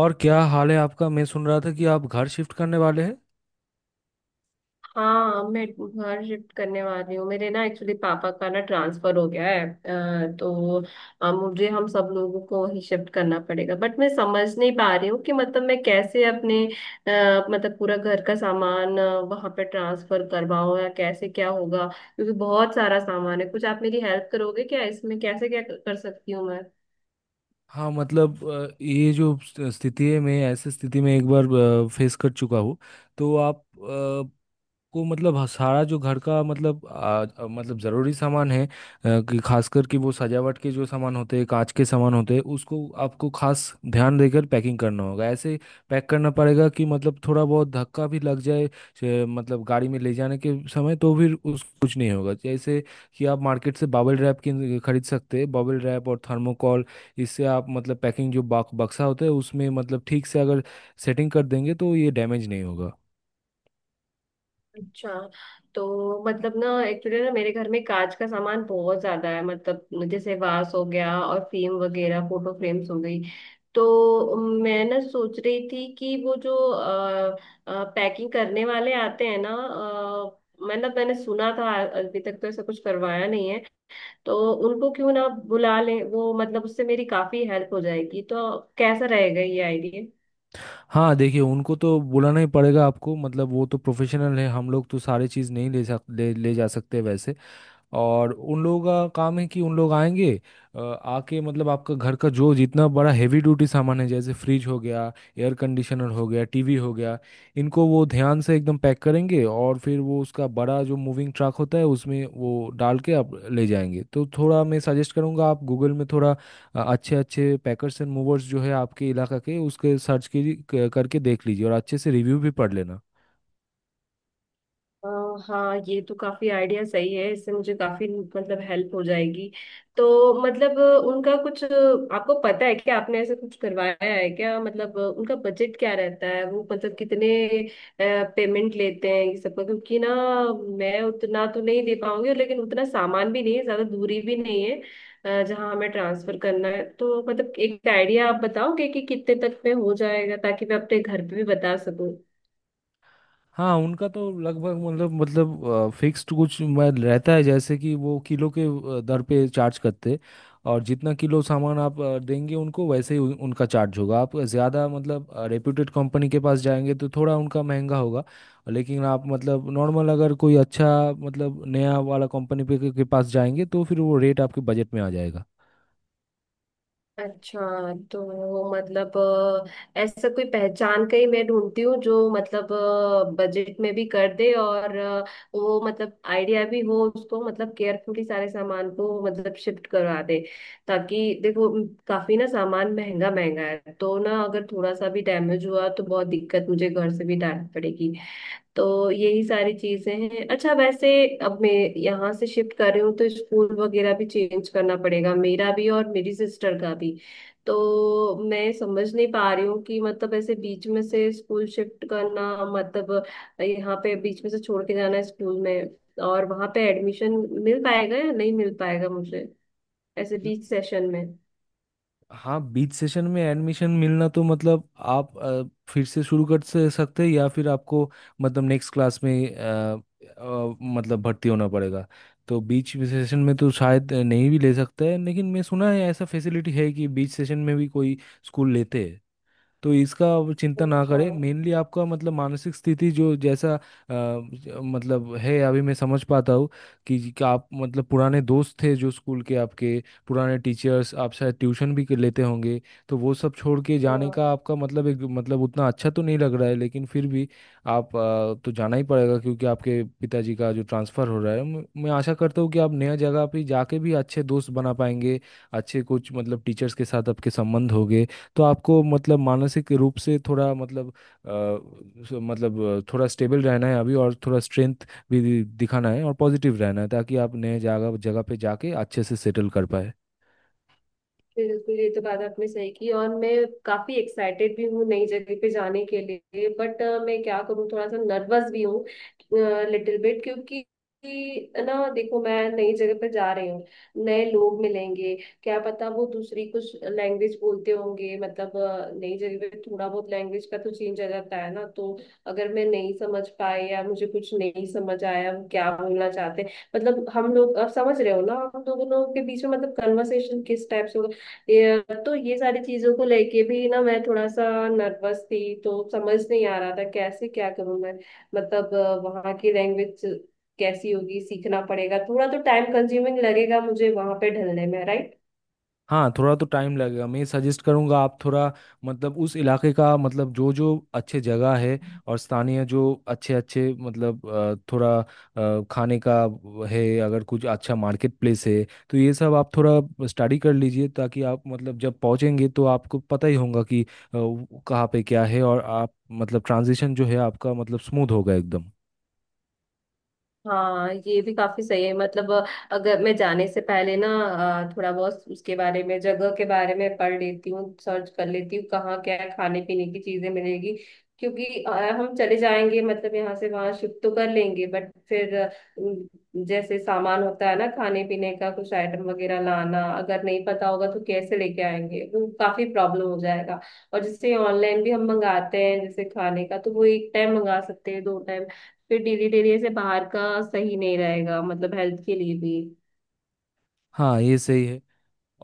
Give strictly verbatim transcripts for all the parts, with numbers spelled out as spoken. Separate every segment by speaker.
Speaker 1: और क्या हाल है आपका? मैं सुन रहा था कि आप घर शिफ्ट करने वाले हैं।
Speaker 2: हाँ, मैं घर शिफ्ट करने वाली हूँ। मेरे ना एक्चुअली पापा का ना ट्रांसफर हो गया है, अ, तो अ, मुझे हम सब लोगों को ही शिफ्ट करना पड़ेगा। बट मैं समझ नहीं पा रही हूँ कि मतलब मैं कैसे अपने अ, मतलब पूरा घर का सामान अ, वहाँ पे ट्रांसफर करवाऊँ, या कैसे क्या होगा? क्योंकि बहुत सारा सामान है। कुछ आप मेरी हेल्प करोगे क्या इसमें, कैसे क्या कर सकती हूँ मैं?
Speaker 1: हाँ मतलब अ, ये जो स्थ- स्थिति है, मैं ऐसी स्थिति में एक बार फेस कर चुका हूँ। तो आप को मतलब ह- सारा जो घर का मतलब आ, आ, मतलब ज़रूरी सामान है आ, कि खासकर कि वो सजावट के जो सामान होते हैं, कांच के सामान होते हैं, उसको आपको खास ध्यान देकर पैकिंग करना होगा। ऐसे पैक करना पड़ेगा कि मतलब थोड़ा बहुत धक्का भी लग जाए से, मतलब गाड़ी में ले जाने के समय, तो फिर उस कुछ नहीं होगा। जैसे कि आप मार्केट से बबल रैप की खरीद सकते हैं, बबल रैप और थर्मोकॉल, इससे आप मतलब पैकिंग जो बॉक्स बक्सा होता है उसमें मतलब ठीक से अगर सेटिंग कर देंगे तो ये डैमेज नहीं होगा।
Speaker 2: अच्छा, तो मतलब ना एक्चुअली ना मेरे घर में कांच का सामान बहुत ज्यादा है, मतलब जैसे वास हो गया और फ्रेम वगैरह, फोटो फ्रेम्स हो गई। तो मैं ना सोच रही थी कि वो जो पैकिंग करने वाले आते हैं ना, अ, मतलब मैंने सुना था, अभी तक तो ऐसा कुछ करवाया नहीं है, तो उनको क्यों ना बुला लें? वो मतलब उससे मेरी काफी हेल्प हो जाएगी। तो कैसा रहेगा ये आइडिया?
Speaker 1: हाँ देखिए, उनको तो बुलाना ही पड़ेगा आपको, मतलब वो तो प्रोफेशनल है। हम लोग तो सारी चीज़ नहीं ले सक ले, ले जा सकते वैसे। और उन लोगों का काम है कि उन लोग आएंगे, अ, आके मतलब आपका घर का जो जितना बड़ा हैवी ड्यूटी सामान है, जैसे फ्रिज हो गया, एयर कंडीशनर हो गया, टीवी हो गया, इनको वो ध्यान से एकदम पैक करेंगे, और फिर वो उसका बड़ा जो मूविंग ट्रक होता है उसमें वो डाल के आप ले जाएंगे। तो थोड़ा मैं सजेस्ट करूँगा, आप गूगल में थोड़ा अ- अच्छे अच्छे पैकर्स एंड मूवर्स जो है आपके इलाका के उसके सर्च की क- करके देख लीजिए, और अच्छे से रिव्यू भी पढ़ लेना।
Speaker 2: अ, हाँ, ये तो काफी आइडिया सही है। इससे मुझे काफी मतलब हेल्प हो जाएगी। तो मतलब अ, उनका कुछ अ, आपको पता है क्या? आपने ऐसा कुछ करवाया है क्या? मतलब अ, उनका बजट क्या रहता है, वो मतलब कितने पेमेंट लेते हैं ये सबका? क्योंकि ना मैं उतना तो नहीं दे पाऊंगी, लेकिन उतना सामान भी नहीं है, ज्यादा दूरी भी नहीं है अ, जहाँ हमें ट्रांसफर करना है। तो मतलब एक आइडिया आप बताओगे कि कितने तक में हो जाएगा, ताकि मैं अपने घर पे भी बता सकूं।
Speaker 1: हाँ उनका तो लगभग मतलब मतलब फिक्स्ड कुछ मैं रहता है, जैसे कि वो किलो के अ, दर पे चार्ज करते, और जितना किलो सामान आप अ, देंगे उनको, वैसे ही उन- उनका चार्ज होगा। आप ज़्यादा मतलब रेप्यूटेड कंपनी के पास जाएंगे तो थोड़ा उनका महंगा होगा, लेकिन आप मतलब नॉर्मल अगर कोई अच्छा मतलब नया वाला कंपनी पे के के पास जाएंगे तो फिर वो रेट आपके बजट में आ जाएगा।
Speaker 2: अच्छा, तो मतलब अ, ऐसा कोई पहचान का ही मैं ढूंढती हूँ जो मतलब बजट में भी कर दे और अ, वो मतलब आइडिया भी हो उसको, मतलब केयरफुली सारे सामान को मतलब शिफ्ट करवा दे। ताकि देखो, उम, काफी ना सामान महंगा महंगा है, तो ना अगर थोड़ा सा भी डैमेज हुआ तो बहुत दिक्कत, मुझे घर से भी डांट पड़ेगी। तो यही सारी चीजें हैं। अच्छा वैसे, अब मैं यहाँ से शिफ्ट कर रही हूँ तो स्कूल वगैरह भी चेंज करना पड़ेगा, मेरा भी और मेरी सिस्टर का भी। तो मैं समझ नहीं पा रही हूँ कि मतलब ऐसे बीच में से स्कूल शिफ्ट करना, मतलब यहाँ पे बीच में से छोड़ के जाना स्कूल में, और वहां पे एडमिशन मिल पाएगा या नहीं मिल पाएगा मुझे ऐसे बीच सेशन में?
Speaker 1: हाँ बीच सेशन में एडमिशन मिलना, तो मतलब आप अ, फिर से शुरू कर से- सकते हैं, या फिर आपको मतलब नेक्स्ट क्लास में अ, अ, मतलब भर्ती होना पड़ेगा। तो बीच सेशन में तो शायद नहीं भी ले सकता है, लेकिन मैं सुना है ऐसा फैसिलिटी है कि बीच सेशन में भी कोई स्कूल लेते हैं। तो इसका आप चिंता ना
Speaker 2: अच्छा।
Speaker 1: करें, मेनली आपका मतलब मानसिक स्थिति जो जैसा अ, ज- मतलब है अभी, मैं समझ पाता हूँ कि, जी- कि आप मतलब पुराने दोस्त थे जो स्कूल के, आपके पुराने टीचर्स, आप शायद ट्यूशन भी कर लेते होंगे। तो वो सब छोड़ के जाने
Speaker 2: हाँ,
Speaker 1: का आपका मतलब एक मतलब उतना अच्छा तो नहीं लग रहा है, लेकिन फिर भी आप अ, तो जाना ही पड़ेगा, क्योंकि आपके पिताजी का जो ट्रांसफ़र हो रहा है। म- मैं आशा करता हूँ कि आप नया जगह पे जाके भी अच्छे दोस्त बना पाएंगे, अच्छे कुछ मतलब टीचर्स के साथ आपके संबंध होंगे। तो आपको मतलब मानसिक रूप से थोड़ा मतलब अ, सो- मतलब अ, थोड़ा स्टेबल रहना है अभी, और थोड़ा स्ट्रेंथ भी दिखाना है, और पॉजिटिव रहना है, ताकि आप नए जगह जगह पे जाके अच्छे से सेटल कर पाए।
Speaker 2: बिल्कुल, ये तो बात आपने सही की, और मैं काफी एक्साइटेड भी हूँ नई जगह पे जाने के लिए, बट मैं क्या करूँ, थोड़ा सा नर्वस भी हूँ, लिटिल बिट, क्योंकि कि ना देखो, मैं नई जगह पर जा रही हूँ, नए लोग मिलेंगे, क्या पता वो दूसरी कुछ लैंग्वेज बोलते होंगे। मतलब अ, नई जगह पे थोड़ा बहुत लैंग्वेज का तो चेंज आ जाता है ना, तो अगर मैं नहीं समझ पाए या मुझे कुछ नहीं समझ आया वो क्या बोलना चाहते हैं, मतलब हम लोग अब समझ रहे हो ना, हम दोनों के बीच में मतलब कन्वर्सेशन किस टाइप से होगा ये। तो ये सारी चीजों को लेके भी ना मैं थोड़ा सा नर्वस थी, तो समझ नहीं आ रहा था कैसे क्या करूं मैं। मतलब अ, वहाँ की लैंग्वेज कैसी होगी, सीखना पड़ेगा, थोड़ा तो टाइम कंज्यूमिंग लगेगा मुझे वहां पे ढलने में, राइट।
Speaker 1: हाँ थोड़ा तो टाइम लगेगा। मैं सजेस्ट करूँगा आप थोड़ा मतलब उस इलाके का मतलब जो जो अच्छे जगह है, और स्थानीय जो अच्छे अच्छे मतलब अ, थोड़ा अ, खाने का व- है अगर, कुछ अच्छा मार्केट प्लेस है, तो ये सब आप थोड़ा स्टडी कर लीजिए, ताकि आप मतलब जब पहुँचेंगे तो आपको पता ही होगा कि अ, वो कहाँ पे क्या है, और आप मतलब ट्रांजिशन जो है आपका मतलब स्मूथ होगा एकदम।
Speaker 2: हाँ, ये भी काफी सही है। मतलब अ, अगर मैं जाने से पहले ना अ, थोड़ा बहुत उसके बारे में, जगह के बारे में पढ़ लेती हूँ, सर्च कर लेती हूँ कहाँ क्या खाने पीने की चीजें मिलेगी। क्योंकि अ, हम चले जाएंगे, मतलब यहाँ से वहां शिफ्ट तो कर लेंगे, बट फिर अ, उम, जैसे सामान होता है ना खाने पीने का, कुछ आइटम वगैरह लाना, अगर नहीं पता होगा तो कैसे लेके आएंगे? वो काफी प्रॉब्लम हो जाएगा। और जैसे ऑनलाइन भी हम मंगाते हैं जैसे खाने का, तो वो एक टाइम मंगा सकते हैं, दो, फिर डिलीट एरिया से बाहर का सही नहीं रहेगा, मतलब हेल्थ के लिए भी।
Speaker 1: हाँ ये सही है।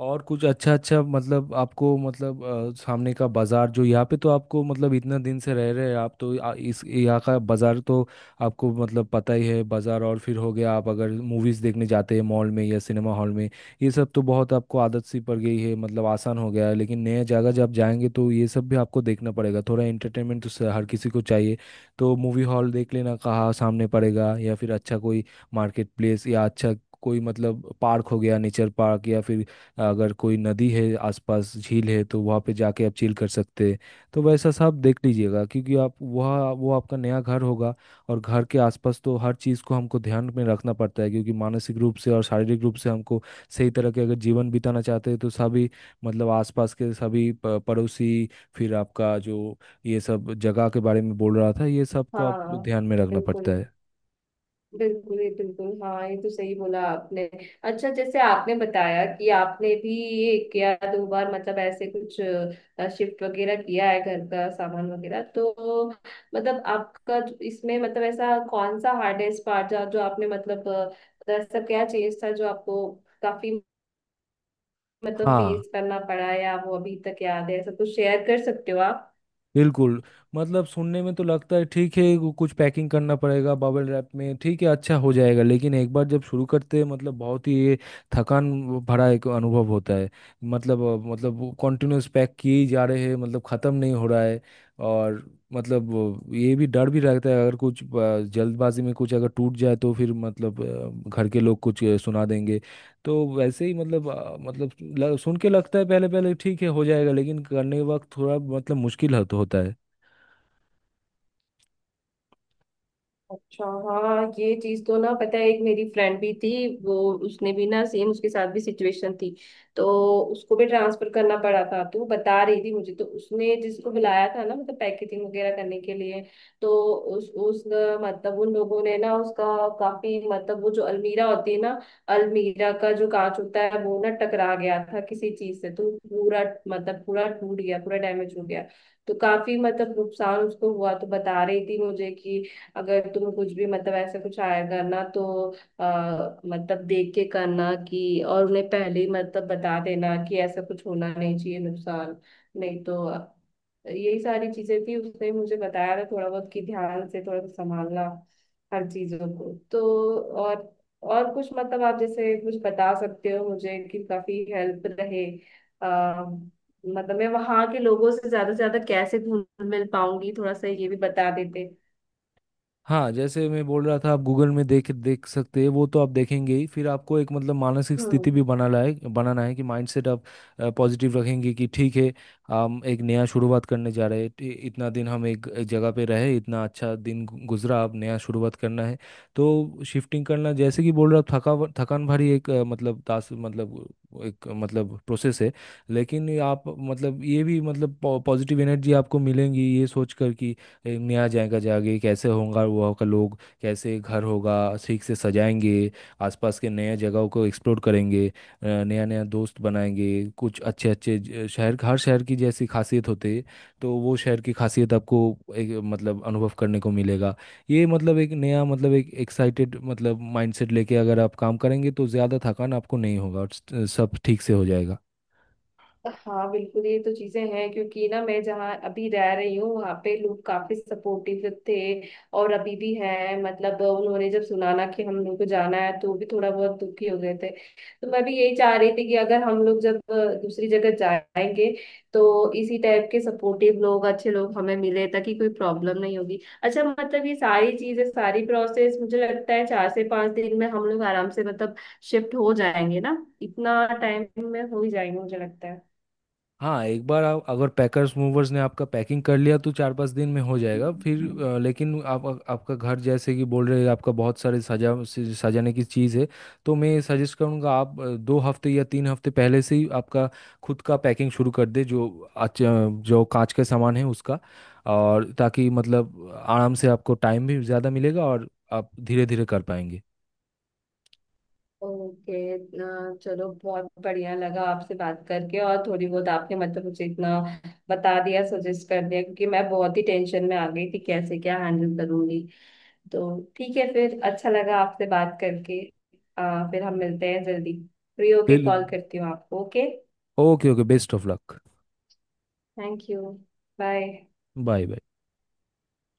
Speaker 1: और कुछ अच्छा अच्छा मतलब आपको मतलब अ, सामने का बाजार जो यहाँ पे, तो आपको मतलब इतना दिन से रह रहे हैं आप तो आ- इस यहाँ का बाजार तो आपको मतलब पता ही है। बाजार और फिर हो गया, आप अगर मूवीज देखने जाते हैं मॉल में या सिनेमा हॉल में, ये सब तो बहुत आपको आदत सी पड़ गई है, मतलब आसान हो गया है। लेकिन नए जगह जब जाएंगे तो ये सब भी आपको देखना पड़ेगा। थोड़ा एंटरटेनमेंट तो स- हर किसी को चाहिए। तो मूवी हॉल देख लेना कहाँ सामने पड़ेगा, या फिर अच्छा कोई मार्केट प्लेस, या अच्छा कोई मतलब पार्क हो गया, नेचर पार्क, या फिर अगर कोई नदी है आसपास, झील है, तो वहाँ पे जाके आप चिल कर सकते हैं। तो वैसा सब देख लीजिएगा, क्योंकि आप वह वो आपका नया घर होगा। और घर के आसपास तो हर चीज़ को हमको ध्यान में रखना पड़ता है, क्योंकि मानसिक रूप से और शारीरिक रूप से हमको सही तरह के अगर जीवन बिताना चाहते हैं, तो सभी मतलब आसपास के सभी प- पड़ोसी, फिर आपका जो ये सब जगह के बारे में बोल रहा था, ये सब को आप
Speaker 2: हाँ,
Speaker 1: ध्यान में रखना पड़ता
Speaker 2: बिल्कुल
Speaker 1: है।
Speaker 2: बिल्कुल, ये बिल्कुल, हाँ, ये तो सही बोला आपने। अच्छा, जैसे आपने बताया कि आपने भी ये किया दो बार, मतलब ऐसे कुछ शिफ्ट वगैरह किया है घर का सामान वगैरह, तो मतलब आपका जो- इसमें मतलब ऐसा कौन सा हार्डेस्ट पार्ट था जो आपने मतलब अ, मतलब ऐसा क्या चीज था जो आपको काफी मतलब
Speaker 1: हाँ
Speaker 2: फेस करना पड़ा, या वो अभी तक याद है? ऐसा कुछ शेयर कर सकते हो आप?
Speaker 1: बिल्कुल, मतलब सुनने में तो लगता है ठीक है, वो कुछ पैकिंग करना पड़ेगा बबल रैप में, ठीक है अच्छा हो जाएगा। लेकिन एक बार जब शुरू करते हैं मतलब बहुत ही ये थकान भरा एक अनुभव होता है। मतलब अ, मतलब कंटिन्यूस पैक किए ही जा रहे हैं, मतलब ख़त्म नहीं हो रहा है। और मतलब वो ये भी डर भी रहता है, अगर कुछ अ, जल्दबाजी में कुछ अगर टूट जाए, तो फिर मतलब अ, घर के लोग कुछ अ, सुना देंगे। तो वैसे ही मतलब आ, मतलब ल- सुन के लगता है पहले पहले ठीक है हो जाएगा, लेकिन करने के वक्त थोड़ा मतलब मुश्किल होत- होता है।
Speaker 2: अच्छा, हाँ, ये चीज तो ना पता है। एक मेरी फ्रेंड भी थी वो, उसने भी ना सेम, उसके साथ भी सिचुएशन थी, तो उसको भी ट्रांसफर करना पड़ा था, तो वो बता रही थी मुझे, तो उसने जिसको बुलाया था ना मतलब पैकेजिंग वगैरह करने के लिए, तो उस उस मतलब उन लोगों ने ना उसका काफी मतलब, वो जो अलमीरा होती है ना, अलमीरा का जो कांच होता है वो ना टकरा गया था किसी चीज से, तो पूरा मतलब पूरा टूट गया, पूरा डैमेज हो गया। तो काफी मतलब नुकसान उसको हुआ, तो बता रही थी मुझे कि अगर तुम कुछ भी मतलब ऐसा कुछ आया करना, तो आ, मतलब देख के करना, कि और उन्हें पहले ही मतलब बता देना कि ऐसा कुछ होना नहीं चाहिए नुकसान, नहीं तो। यही सारी चीजें थी उसने मुझे बताया था थोड़ा बहुत, कि ध्यान से थोड़ा सा संभालना हर चीजों को। तो और और कुछ मतलब आप जैसे कुछ बता सकते हो मुझे कि काफी हेल्प रहे, आ, मतलब मैं वहां के लोगों से ज्यादा से ज्यादा कैसे घुल मिल पाऊंगी, थोड़ा सा ये भी बता देते।
Speaker 1: हाँ जैसे मैं बोल रहा था, आप गूगल में देख देख सकते हैं, वो तो आप देखेंगे ही। फिर आपको एक मतलब मानसिक स्थिति
Speaker 2: हम्म।
Speaker 1: भी बना लाए बनाना है कि माइंडसेट आप पॉजिटिव रखेंगे कि ठीक है, हम एक नया शुरुआत करने जा रहे हैं। इ- इतना दिन हम एक एक जगह पे रहे, इतना अच्छा दिन गु- गुजरा, अब नया शुरुआत करना है। तो शिफ्टिंग करना, जैसे कि बोल रहा हूँ, थका थकान भरी एक अ, मतलब टास्क मतलब एक मतलब प्रोसेस है। लेकिन ये आप मतलब ये भी मतलब पॉजिटिव एनर्जी आपको मिलेंगी, ये सोच कर कि एक नया जाएगा, जागे कैसे होगा वहाँ का लोग, कैसे घर होगा, ठीक से सजाएंगे, आसपास के नए जगहों को एक्सप्लोर करेंगे, नया नया दोस्त बनाएंगे, कुछ अच्छे अच्छे ज- शहर, हर शहर की जैसी खासियत होती है, तो वो शहर की खासियत आपको एक, मतलब अनुभव करने को मिलेगा। ये मतलब एक नया मतलब एक एक्साइटेड मतलब माइंडसेट लेके अगर आप काम करेंगे तो ज़्यादा थकान आपको नहीं होगा और स- सब ठीक से हो जाएगा।
Speaker 2: हाँ, बिल्कुल, ये तो चीजें हैं, क्योंकि ना मैं जहाँ अभी रह रही हूँ वहाँ पे लोग काफी सपोर्टिव थे, और अभी भी हैं, मतलब उन्होंने जब सुना ना कि हम लोग को जाना है तो भी थोड़ा बहुत दुखी हो गए थे। तो मैं भी यही चाह रही थी कि अगर हम लोग जब अ, दूसरी जगह जाएंगे, तो इसी टाइप के सपोर्टिव लोग, अच्छे लोग हमें मिले, ताकि कोई प्रॉब्लम नहीं होगी। अच्छा, मतलब ये सारी चीजें, सारी प्रोसेस मुझे लगता है चार से पांच दिन में हम लोग आराम से मतलब शिफ्ट हो जाएंगे ना, इतना टाइम में हो ही जाएंगे मुझे लगता है।
Speaker 1: हाँ एक बार आप अगर पैकर्स मूवर्स ने आपका पैकिंग कर लिया तो चार पांच दिन में हो जाएगा फिर अ, लेकिन आप, आपका घर जैसे कि बोल रहे हैं, आपका बहुत सारे सजा से- सजाने की चीज़ है। तो मैं सजेस्ट करूँगा आप अ, दो हफ्ते या तीन हफ्ते पहले से ही आपका खुद का पैकिंग शुरू कर दे, जो अच्छा जो कांच का सामान है उसका, और ताकि मतलब आराम से आपको टाइम भी ज़्यादा मिलेगा और आप धीरे धीरे कर पाएंगे।
Speaker 2: ओके, इतना, चलो, बहुत बढ़िया लगा आपसे बात करके, और थोड़ी बहुत आपने मतलब मुझे इतना बता दिया, सजेस्ट कर दिया, क्योंकि मैं बहुत ही टेंशन में आ गई थी कैसे क्या हैंडल करूंगी। तो ठीक है, फिर अच्छा लगा आपसे बात करके। आ, फिर हम मिलते हैं जल्दी, फ्री होके
Speaker 1: बिल।
Speaker 2: कॉल करती हूँ आपको, okay?
Speaker 1: Okay okay, best of luck.
Speaker 2: Thank you. Bye.
Speaker 1: Bye bye.